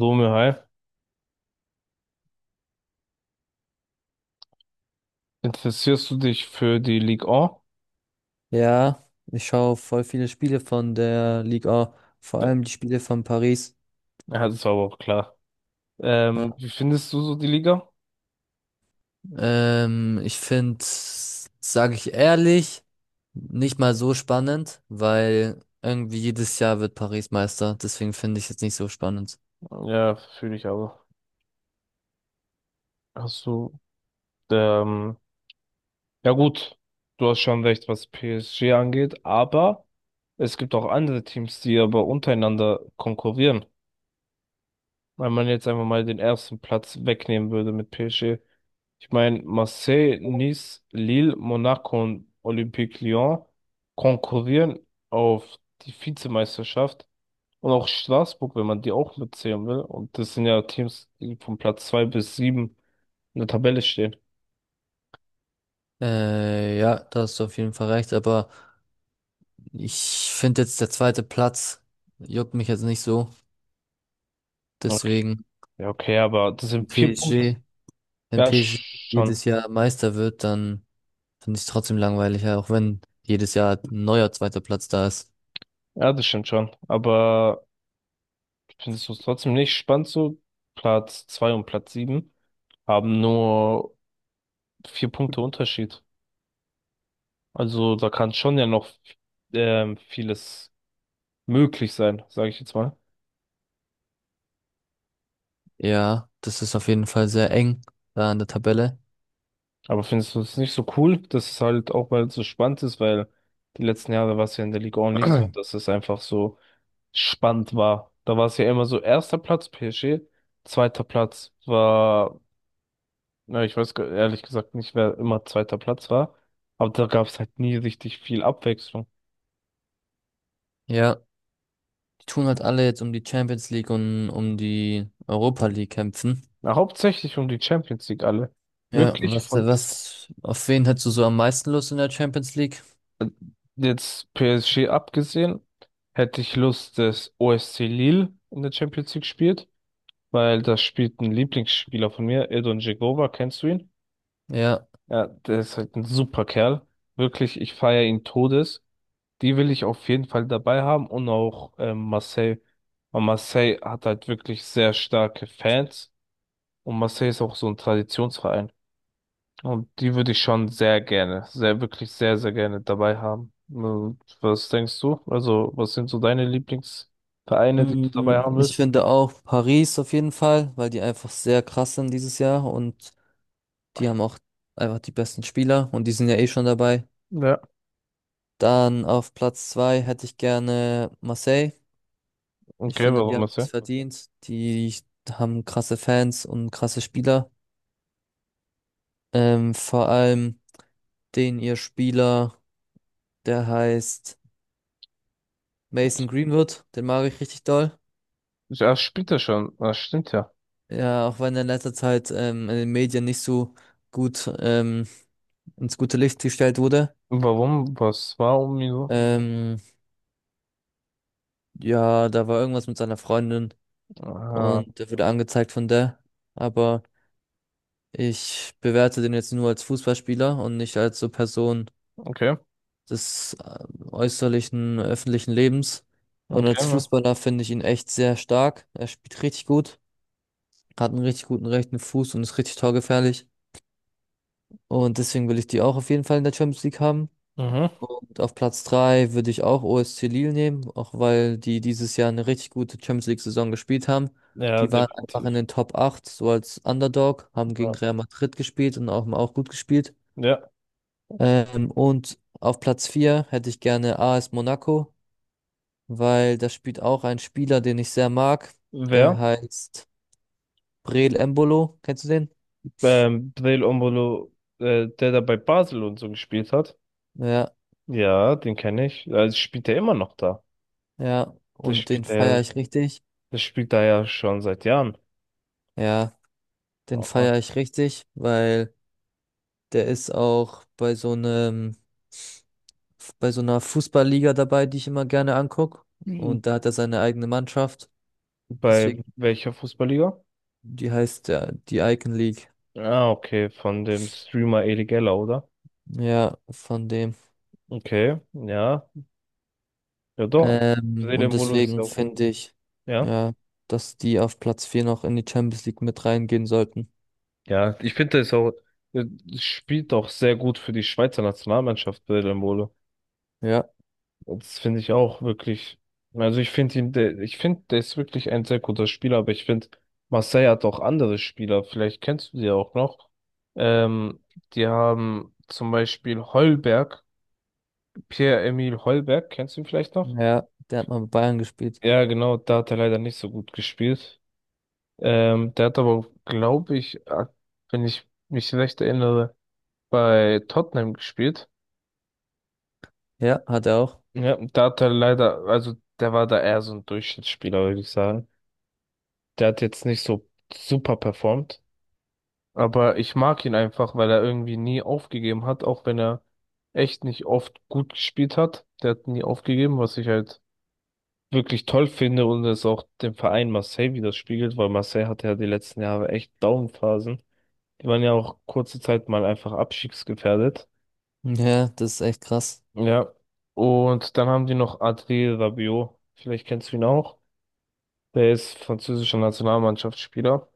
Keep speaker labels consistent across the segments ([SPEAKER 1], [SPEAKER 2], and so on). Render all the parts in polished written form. [SPEAKER 1] Romeo, hi. Interessierst du dich für die Ligue 1?
[SPEAKER 2] Ja, ich schaue voll viele Spiele von der Liga, vor
[SPEAKER 1] Ja,
[SPEAKER 2] allem die Spiele von Paris.
[SPEAKER 1] ja, das war aber auch klar.
[SPEAKER 2] Ja.
[SPEAKER 1] Wie findest du so die Liga?
[SPEAKER 2] Ich finde, sage ich ehrlich, nicht mal so spannend, weil irgendwie jedes Jahr wird Paris Meister. Deswegen finde ich jetzt nicht so spannend.
[SPEAKER 1] Ja, fühle ich aber. Hast du, ähm, ja gut, du hast schon recht, was PSG angeht, aber es gibt auch andere Teams, die aber untereinander konkurrieren. Wenn man jetzt einfach mal den ersten Platz wegnehmen würde mit PSG. Ich meine, Marseille, Nice, Lille, Monaco und Olympique Lyon konkurrieren auf die Vizemeisterschaft. Und auch Straßburg, wenn man die auch mitzählen will. Und das sind ja Teams, die von Platz zwei bis sieben in der Tabelle stehen.
[SPEAKER 2] Ja, da hast du auf jeden Fall recht, aber ich finde jetzt der zweite Platz juckt mich jetzt nicht so.
[SPEAKER 1] Okay,
[SPEAKER 2] Deswegen,
[SPEAKER 1] ja, okay, aber das sind
[SPEAKER 2] wenn
[SPEAKER 1] vier Punkte.
[SPEAKER 2] PSG, wenn
[SPEAKER 1] Ja,
[SPEAKER 2] PSG
[SPEAKER 1] schon.
[SPEAKER 2] jedes Jahr Meister wird, dann finde ich trotzdem langweilig, ja, auch wenn jedes Jahr ein neuer zweiter Platz da ist.
[SPEAKER 1] Ja, das stimmt schon. Aber findest du es trotzdem nicht spannend so? Platz zwei und Platz sieben haben nur vier Punkte Unterschied. Also da kann schon ja noch vieles möglich sein, sage ich jetzt mal.
[SPEAKER 2] Ja, das ist auf jeden Fall sehr eng da an der Tabelle.
[SPEAKER 1] Aber findest du es nicht so cool, dass es halt auch mal so spannend ist, weil die letzten Jahre war es ja in der Liga auch nicht so, dass es einfach so spannend war. Da war es ja immer so erster Platz PSG, zweiter Platz war, na, ich weiß ehrlich gesagt nicht, wer immer zweiter Platz war, aber da gab es halt nie richtig viel Abwechslung.
[SPEAKER 2] Ja, die tun halt alle jetzt um die Champions League und um die Europa League kämpfen.
[SPEAKER 1] Na, hauptsächlich um die Champions League alle.
[SPEAKER 2] Ja,
[SPEAKER 1] Wirklich von z-
[SPEAKER 2] auf wen hättest du so am meisten Lust in der Champions League?
[SPEAKER 1] äh, Jetzt PSG abgesehen, hätte ich Lust, dass OSC Lille in der Champions League spielt, weil da spielt ein Lieblingsspieler von mir, Edon Dzeko, kennst du ihn?
[SPEAKER 2] Ja,
[SPEAKER 1] Ja, der ist halt ein super Kerl. Wirklich, ich feiere ihn Todes. Die will ich auf jeden Fall dabei haben und auch Marseille. Und Marseille hat halt wirklich sehr starke Fans und Marseille ist auch so ein Traditionsverein. Und die würde ich schon sehr gerne, sehr, wirklich sehr, sehr gerne dabei haben. Und was denkst du? Also, was sind so deine Lieblingsvereine, die du dabei haben
[SPEAKER 2] ich
[SPEAKER 1] willst?
[SPEAKER 2] finde auch Paris auf jeden Fall, weil die einfach sehr krass sind dieses Jahr und die haben auch einfach die besten Spieler und die sind ja eh schon dabei.
[SPEAKER 1] Ja.
[SPEAKER 2] Dann auf Platz zwei hätte ich gerne Marseille. Ich
[SPEAKER 1] Okay,
[SPEAKER 2] finde, die
[SPEAKER 1] warum
[SPEAKER 2] haben es
[SPEAKER 1] Marseille?
[SPEAKER 2] verdient. Die haben krasse Fans und krasse Spieler. Vor allem den ihr Spieler, der heißt Mason Greenwood, den mag ich richtig doll.
[SPEAKER 1] Ja, spielt er schon. Das stimmt ja.
[SPEAKER 2] Ja, auch wenn er in letzter Zeit in den Medien nicht so gut ins gute Licht gestellt wurde.
[SPEAKER 1] Warum? Was? Warum? Wieso?
[SPEAKER 2] Ähm, ja, da war irgendwas mit seiner Freundin
[SPEAKER 1] Ah,
[SPEAKER 2] und der wurde angezeigt von der. Aber ich bewerte den jetzt nur als Fußballspieler und nicht als so Person,
[SPEAKER 1] okay.
[SPEAKER 2] des äußerlichen öffentlichen Lebens. Und
[SPEAKER 1] Okay,
[SPEAKER 2] als
[SPEAKER 1] ja.
[SPEAKER 2] Fußballer finde ich ihn echt sehr stark. Er spielt richtig gut, hat einen richtig guten rechten Fuß und ist richtig torgefährlich. Und deswegen will ich die auch auf jeden Fall in der Champions League haben.
[SPEAKER 1] Mhm.
[SPEAKER 2] Und auf Platz 3 würde ich auch OSC Lille nehmen, auch weil die dieses Jahr eine richtig gute Champions League-Saison gespielt haben.
[SPEAKER 1] Ja,
[SPEAKER 2] Die waren einfach in
[SPEAKER 1] definitiv.
[SPEAKER 2] den Top 8, so als Underdog, haben gegen
[SPEAKER 1] Ja.
[SPEAKER 2] Real Madrid gespielt und auch gut gespielt.
[SPEAKER 1] Ja.
[SPEAKER 2] Und auf Platz 4 hätte ich gerne AS Monaco, weil da spielt auch ein Spieler, den ich sehr mag. Der, Mhm,
[SPEAKER 1] Wer?
[SPEAKER 2] heißt Breel Embolo. Kennst du den?
[SPEAKER 1] Breel Ombolo, der da bei Basel und so gespielt hat.
[SPEAKER 2] Ja,
[SPEAKER 1] Ja, den kenne ich. Also spielt er immer noch da.
[SPEAKER 2] ja.
[SPEAKER 1] Der
[SPEAKER 2] Und den
[SPEAKER 1] spielt er,
[SPEAKER 2] feiere ich richtig.
[SPEAKER 1] der spielt da ja schon seit Jahren.
[SPEAKER 2] Ja, den
[SPEAKER 1] Aha.
[SPEAKER 2] feiere ich richtig, weil der ist auch bei so einer Fußballliga dabei, die ich immer gerne angucke.
[SPEAKER 1] Mhm.
[SPEAKER 2] Und da hat er seine eigene Mannschaft.
[SPEAKER 1] Bei
[SPEAKER 2] Deswegen,
[SPEAKER 1] welcher Fußballliga?
[SPEAKER 2] die heißt ja die Icon League.
[SPEAKER 1] Ah, okay, von dem Streamer Elie oder?
[SPEAKER 2] Ja, von dem.
[SPEAKER 1] Okay, ja. Ja doch.
[SPEAKER 2] Ähm,
[SPEAKER 1] Breel
[SPEAKER 2] und
[SPEAKER 1] Ombolo ist ja
[SPEAKER 2] deswegen
[SPEAKER 1] auch ein,
[SPEAKER 2] finde ich,
[SPEAKER 1] ja.
[SPEAKER 2] ja, dass die auf Platz 4 noch in die Champions League mit reingehen sollten.
[SPEAKER 1] Ja, ich finde es auch, äh, spielt auch sehr gut für die Schweizer Nationalmannschaft, Mbolo.
[SPEAKER 2] Ja,
[SPEAKER 1] Das finde ich auch wirklich. Also ich finde ihn, ich finde, der ist wirklich ein sehr guter Spieler, aber ich finde, Marseille hat auch andere Spieler, vielleicht kennst du die auch noch. Ähm, Die haben zum Beispiel Holberg, Pierre-Emile Holberg, kennst du ihn vielleicht noch?
[SPEAKER 2] ja, der hat mal bei Bayern gespielt.
[SPEAKER 1] Ja, genau, da hat er leider nicht so gut gespielt. Der hat aber, glaube ich, wenn ich mich recht erinnere, bei Tottenham gespielt.
[SPEAKER 2] Ja, hat er auch.
[SPEAKER 1] Ja, und da hat er leider, also der war da eher so ein Durchschnittsspieler, würde ich sagen. Der hat jetzt nicht so super performt, aber ich mag ihn einfach, weil er irgendwie nie aufgegeben hat, auch wenn er echt nicht oft gut gespielt hat. Der hat nie aufgegeben, was ich halt wirklich toll finde und es auch dem Verein Marseille widerspiegelt, weil Marseille hatte ja die letzten Jahre echt Downphasen. Die waren ja auch kurze Zeit mal einfach abstiegsgefährdet.
[SPEAKER 2] Ja, das ist echt krass.
[SPEAKER 1] Ja, und dann haben die noch Adrien Rabiot, vielleicht kennst du ihn auch. Der ist französischer Nationalmannschaftsspieler.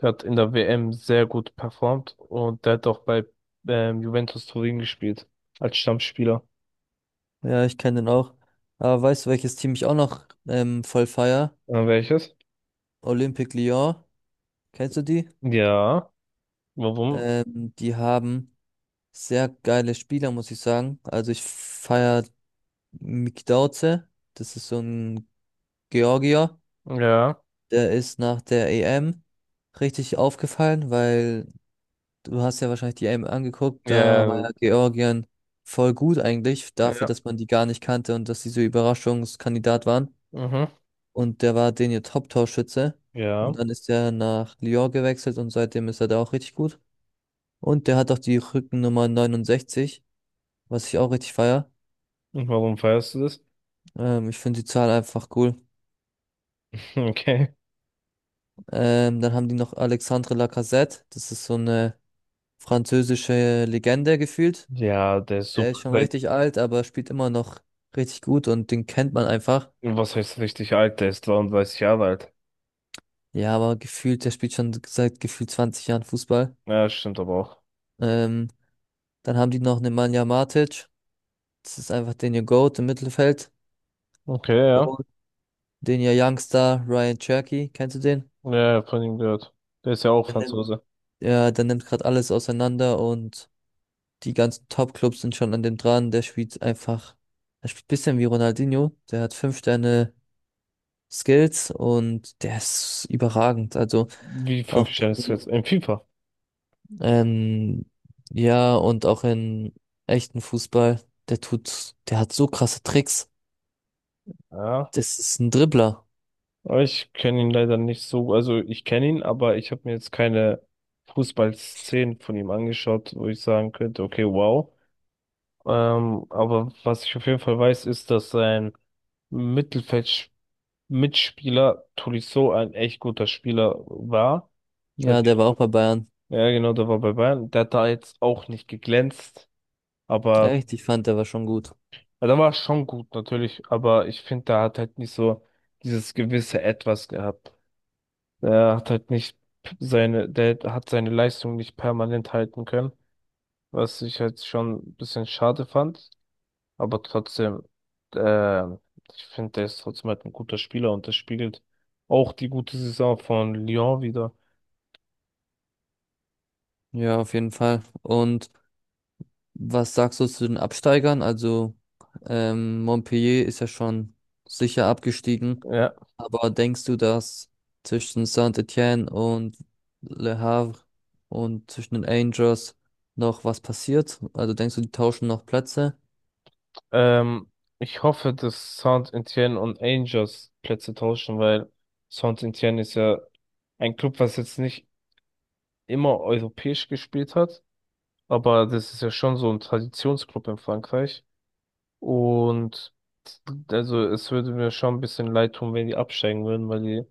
[SPEAKER 1] Der hat in der WM sehr gut performt und der hat auch bei Juventus Turin gespielt als Stammspieler.
[SPEAKER 2] Ja, ich kenne den auch. Aber weißt du, welches Team ich auch noch voll feier?
[SPEAKER 1] Welches?
[SPEAKER 2] Olympique Lyon. Kennst du die?
[SPEAKER 1] Ja. Warum?
[SPEAKER 2] Die haben sehr geile Spieler, muss ich sagen. Also ich feier Mick Dauze. Das ist so ein Georgier.
[SPEAKER 1] Ja.
[SPEAKER 2] Der ist nach der EM richtig aufgefallen, weil du hast ja wahrscheinlich die EM angeguckt, da war
[SPEAKER 1] Ja.
[SPEAKER 2] ja Georgien voll gut eigentlich, dafür,
[SPEAKER 1] Ja.
[SPEAKER 2] dass man die gar nicht kannte und dass sie so Überraschungskandidat waren.
[SPEAKER 1] Mhm.
[SPEAKER 2] Und der war den ihr Top-Torschütze. Und
[SPEAKER 1] Ja.
[SPEAKER 2] dann ist er nach Lyon gewechselt und seitdem ist er da auch richtig gut. Und der hat auch die Rückennummer 69, was ich auch richtig feier.
[SPEAKER 1] Und warum feierst du das?
[SPEAKER 2] Ich finde die Zahl einfach cool.
[SPEAKER 1] Okay.
[SPEAKER 2] Dann haben die noch Alexandre Lacazette, das ist so eine französische Legende gefühlt.
[SPEAKER 1] Ja, der ist
[SPEAKER 2] Der ist
[SPEAKER 1] super.
[SPEAKER 2] schon
[SPEAKER 1] Der,
[SPEAKER 2] richtig alt, aber spielt immer noch richtig gut und den kennt man einfach.
[SPEAKER 1] was heißt richtig alt? Der ist 33 Jahre alt.
[SPEAKER 2] Ja, aber gefühlt, der spielt schon seit gefühlt 20 Jahren Fußball.
[SPEAKER 1] Ja, stimmt aber auch.
[SPEAKER 2] Ähm, dann haben die noch Nemanja Matic. Das ist einfach den ihr Goat im Mittelfeld.
[SPEAKER 1] Okay, ja.
[SPEAKER 2] Und den ihr Youngster Ryan Cherky. Kennst du den?
[SPEAKER 1] Ja, ja, von ihm gehört. Der ist ja auch
[SPEAKER 2] Der nimmt,
[SPEAKER 1] Franzose.
[SPEAKER 2] ja, der nimmt gerade alles auseinander und die ganzen Top-Clubs sind schon an dem dran. Er spielt ein bisschen wie Ronaldinho. Der hat fünf Sterne Skills und der ist überragend. Also
[SPEAKER 1] Wie fünf
[SPEAKER 2] auch.
[SPEAKER 1] Sterne ist jetzt in FIFA.
[SPEAKER 2] Ähm, ja, und auch in echten Fußball, der hat so krasse Tricks.
[SPEAKER 1] Ja.
[SPEAKER 2] Das ist ein Dribbler.
[SPEAKER 1] Aber ich kenne ihn leider nicht so. Also ich kenne ihn, aber ich habe mir jetzt keine Fußballszenen von ihm angeschaut, wo ich sagen könnte, okay, wow. Aber was ich auf jeden Fall weiß, ist, dass sein Mittelfeld-Mitspieler Tolisso ein echt guter Spieler war. Der
[SPEAKER 2] Ja,
[SPEAKER 1] hat-
[SPEAKER 2] der war auch bei Bayern.
[SPEAKER 1] Ja, genau, der war bei Bayern. Der hat da jetzt auch nicht geglänzt, aber
[SPEAKER 2] Echt, ich fand, der war schon gut.
[SPEAKER 1] ja, der war schon gut natürlich. Aber ich finde, der hat halt nicht so dieses gewisse Etwas gehabt. Er hat halt nicht seine, der hat seine Leistung nicht permanent halten können, was ich halt schon ein bisschen schade fand. Aber trotzdem, äh, ich finde, der ist trotzdem halt ein guter Spieler und das spiegelt auch die gute Saison von Lyon wieder.
[SPEAKER 2] Ja, auf jeden Fall. Und was sagst du zu den Absteigern? Also, Montpellier ist ja schon sicher abgestiegen.
[SPEAKER 1] Ja,
[SPEAKER 2] Aber denkst du, dass zwischen Saint-Étienne und Le Havre und zwischen den Angels noch was passiert? Also denkst du, die tauschen noch Plätze?
[SPEAKER 1] ähm, ich hoffe, dass Saint-Étienne und Angers Plätze tauschen, weil Saint-Étienne ist ja ein Club, was jetzt nicht immer europäisch gespielt hat, aber das ist ja schon so ein Traditionsclub in Frankreich. Und also es würde mir schon ein bisschen leid tun, wenn die absteigen würden, weil die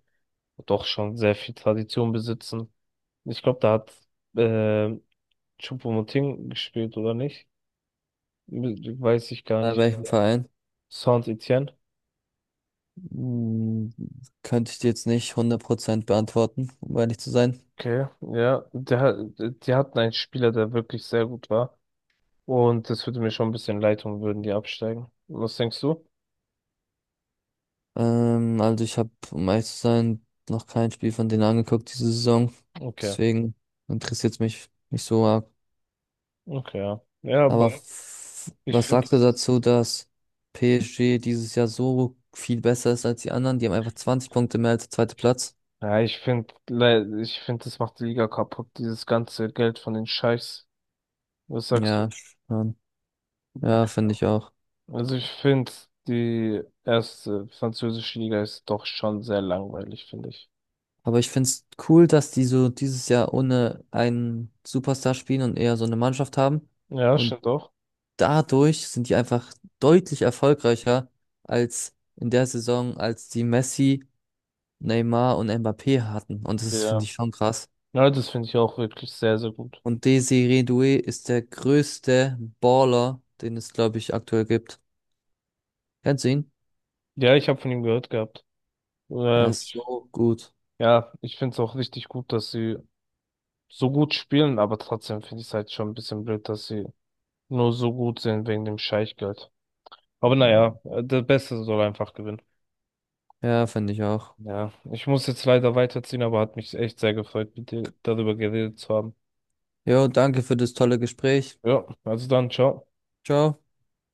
[SPEAKER 1] doch schon sehr viel Tradition besitzen. Ich glaube, da hat äh, Choupo-Moting gespielt, oder nicht? Weiß ich gar
[SPEAKER 2] Bei
[SPEAKER 1] nicht.
[SPEAKER 2] welchem Verein?
[SPEAKER 1] Saint-Étienne.
[SPEAKER 2] Hm, Könnte ich dir jetzt nicht 100% beantworten, um ehrlich zu sein.
[SPEAKER 1] Okay, ja. Die hatten einen Spieler, der wirklich sehr gut war. Und das würde mir schon ein bisschen leid tun, würden die absteigen. Was denkst du?
[SPEAKER 2] Also ich habe, um ehrlich zu sein, noch kein Spiel von denen angeguckt diese Saison.
[SPEAKER 1] Okay,
[SPEAKER 2] Deswegen interessiert es mich nicht so arg.
[SPEAKER 1] okay, ja. Ja, aber
[SPEAKER 2] Aber
[SPEAKER 1] ich
[SPEAKER 2] was
[SPEAKER 1] finde,
[SPEAKER 2] sagst du
[SPEAKER 1] das ist.
[SPEAKER 2] dazu, dass PSG dieses Jahr so viel besser ist als die anderen? Die haben einfach 20 Punkte mehr als der zweite Platz.
[SPEAKER 1] Ja, ich finde, das macht die Liga kaputt, dieses ganze Geld von den Scheichs. Was sagst du?
[SPEAKER 2] Ja, schon.
[SPEAKER 1] Ja,
[SPEAKER 2] Ja,
[SPEAKER 1] keine
[SPEAKER 2] finde
[SPEAKER 1] Ahnung.
[SPEAKER 2] ich auch.
[SPEAKER 1] Also ich finde, die erste französische Liga ist doch schon sehr langweilig, finde ich.
[SPEAKER 2] Aber ich finde es cool, dass die so dieses Jahr ohne einen Superstar spielen und eher so eine Mannschaft haben.
[SPEAKER 1] Ja,
[SPEAKER 2] Und
[SPEAKER 1] stimmt doch.
[SPEAKER 2] dadurch sind die einfach deutlich erfolgreicher als in der Saison, als die Messi, Neymar und Mbappé hatten. Und das finde
[SPEAKER 1] Ja.
[SPEAKER 2] ich schon krass.
[SPEAKER 1] Ja, das finde ich auch wirklich sehr, sehr gut.
[SPEAKER 2] Und Desiree Doué ist der größte Baller, den es, glaube ich, aktuell gibt. Kennst du ihn?
[SPEAKER 1] Ja, ich habe von ihm gehört gehabt.
[SPEAKER 2] Er
[SPEAKER 1] Ähm,
[SPEAKER 2] ist so gut.
[SPEAKER 1] ja, ich finde es auch richtig gut, dass sie so gut spielen, aber trotzdem finde ich es halt schon ein bisschen blöd, dass sie nur so gut sind wegen dem Scheichgeld. Aber naja, der Beste soll einfach gewinnen.
[SPEAKER 2] Ja, finde ich auch.
[SPEAKER 1] Ja, ich muss jetzt leider weiterziehen, aber hat mich echt sehr gefreut, mit dir darüber geredet zu haben.
[SPEAKER 2] Jo, danke für das tolle Gespräch.
[SPEAKER 1] Ja, also dann, ciao.
[SPEAKER 2] Ciao.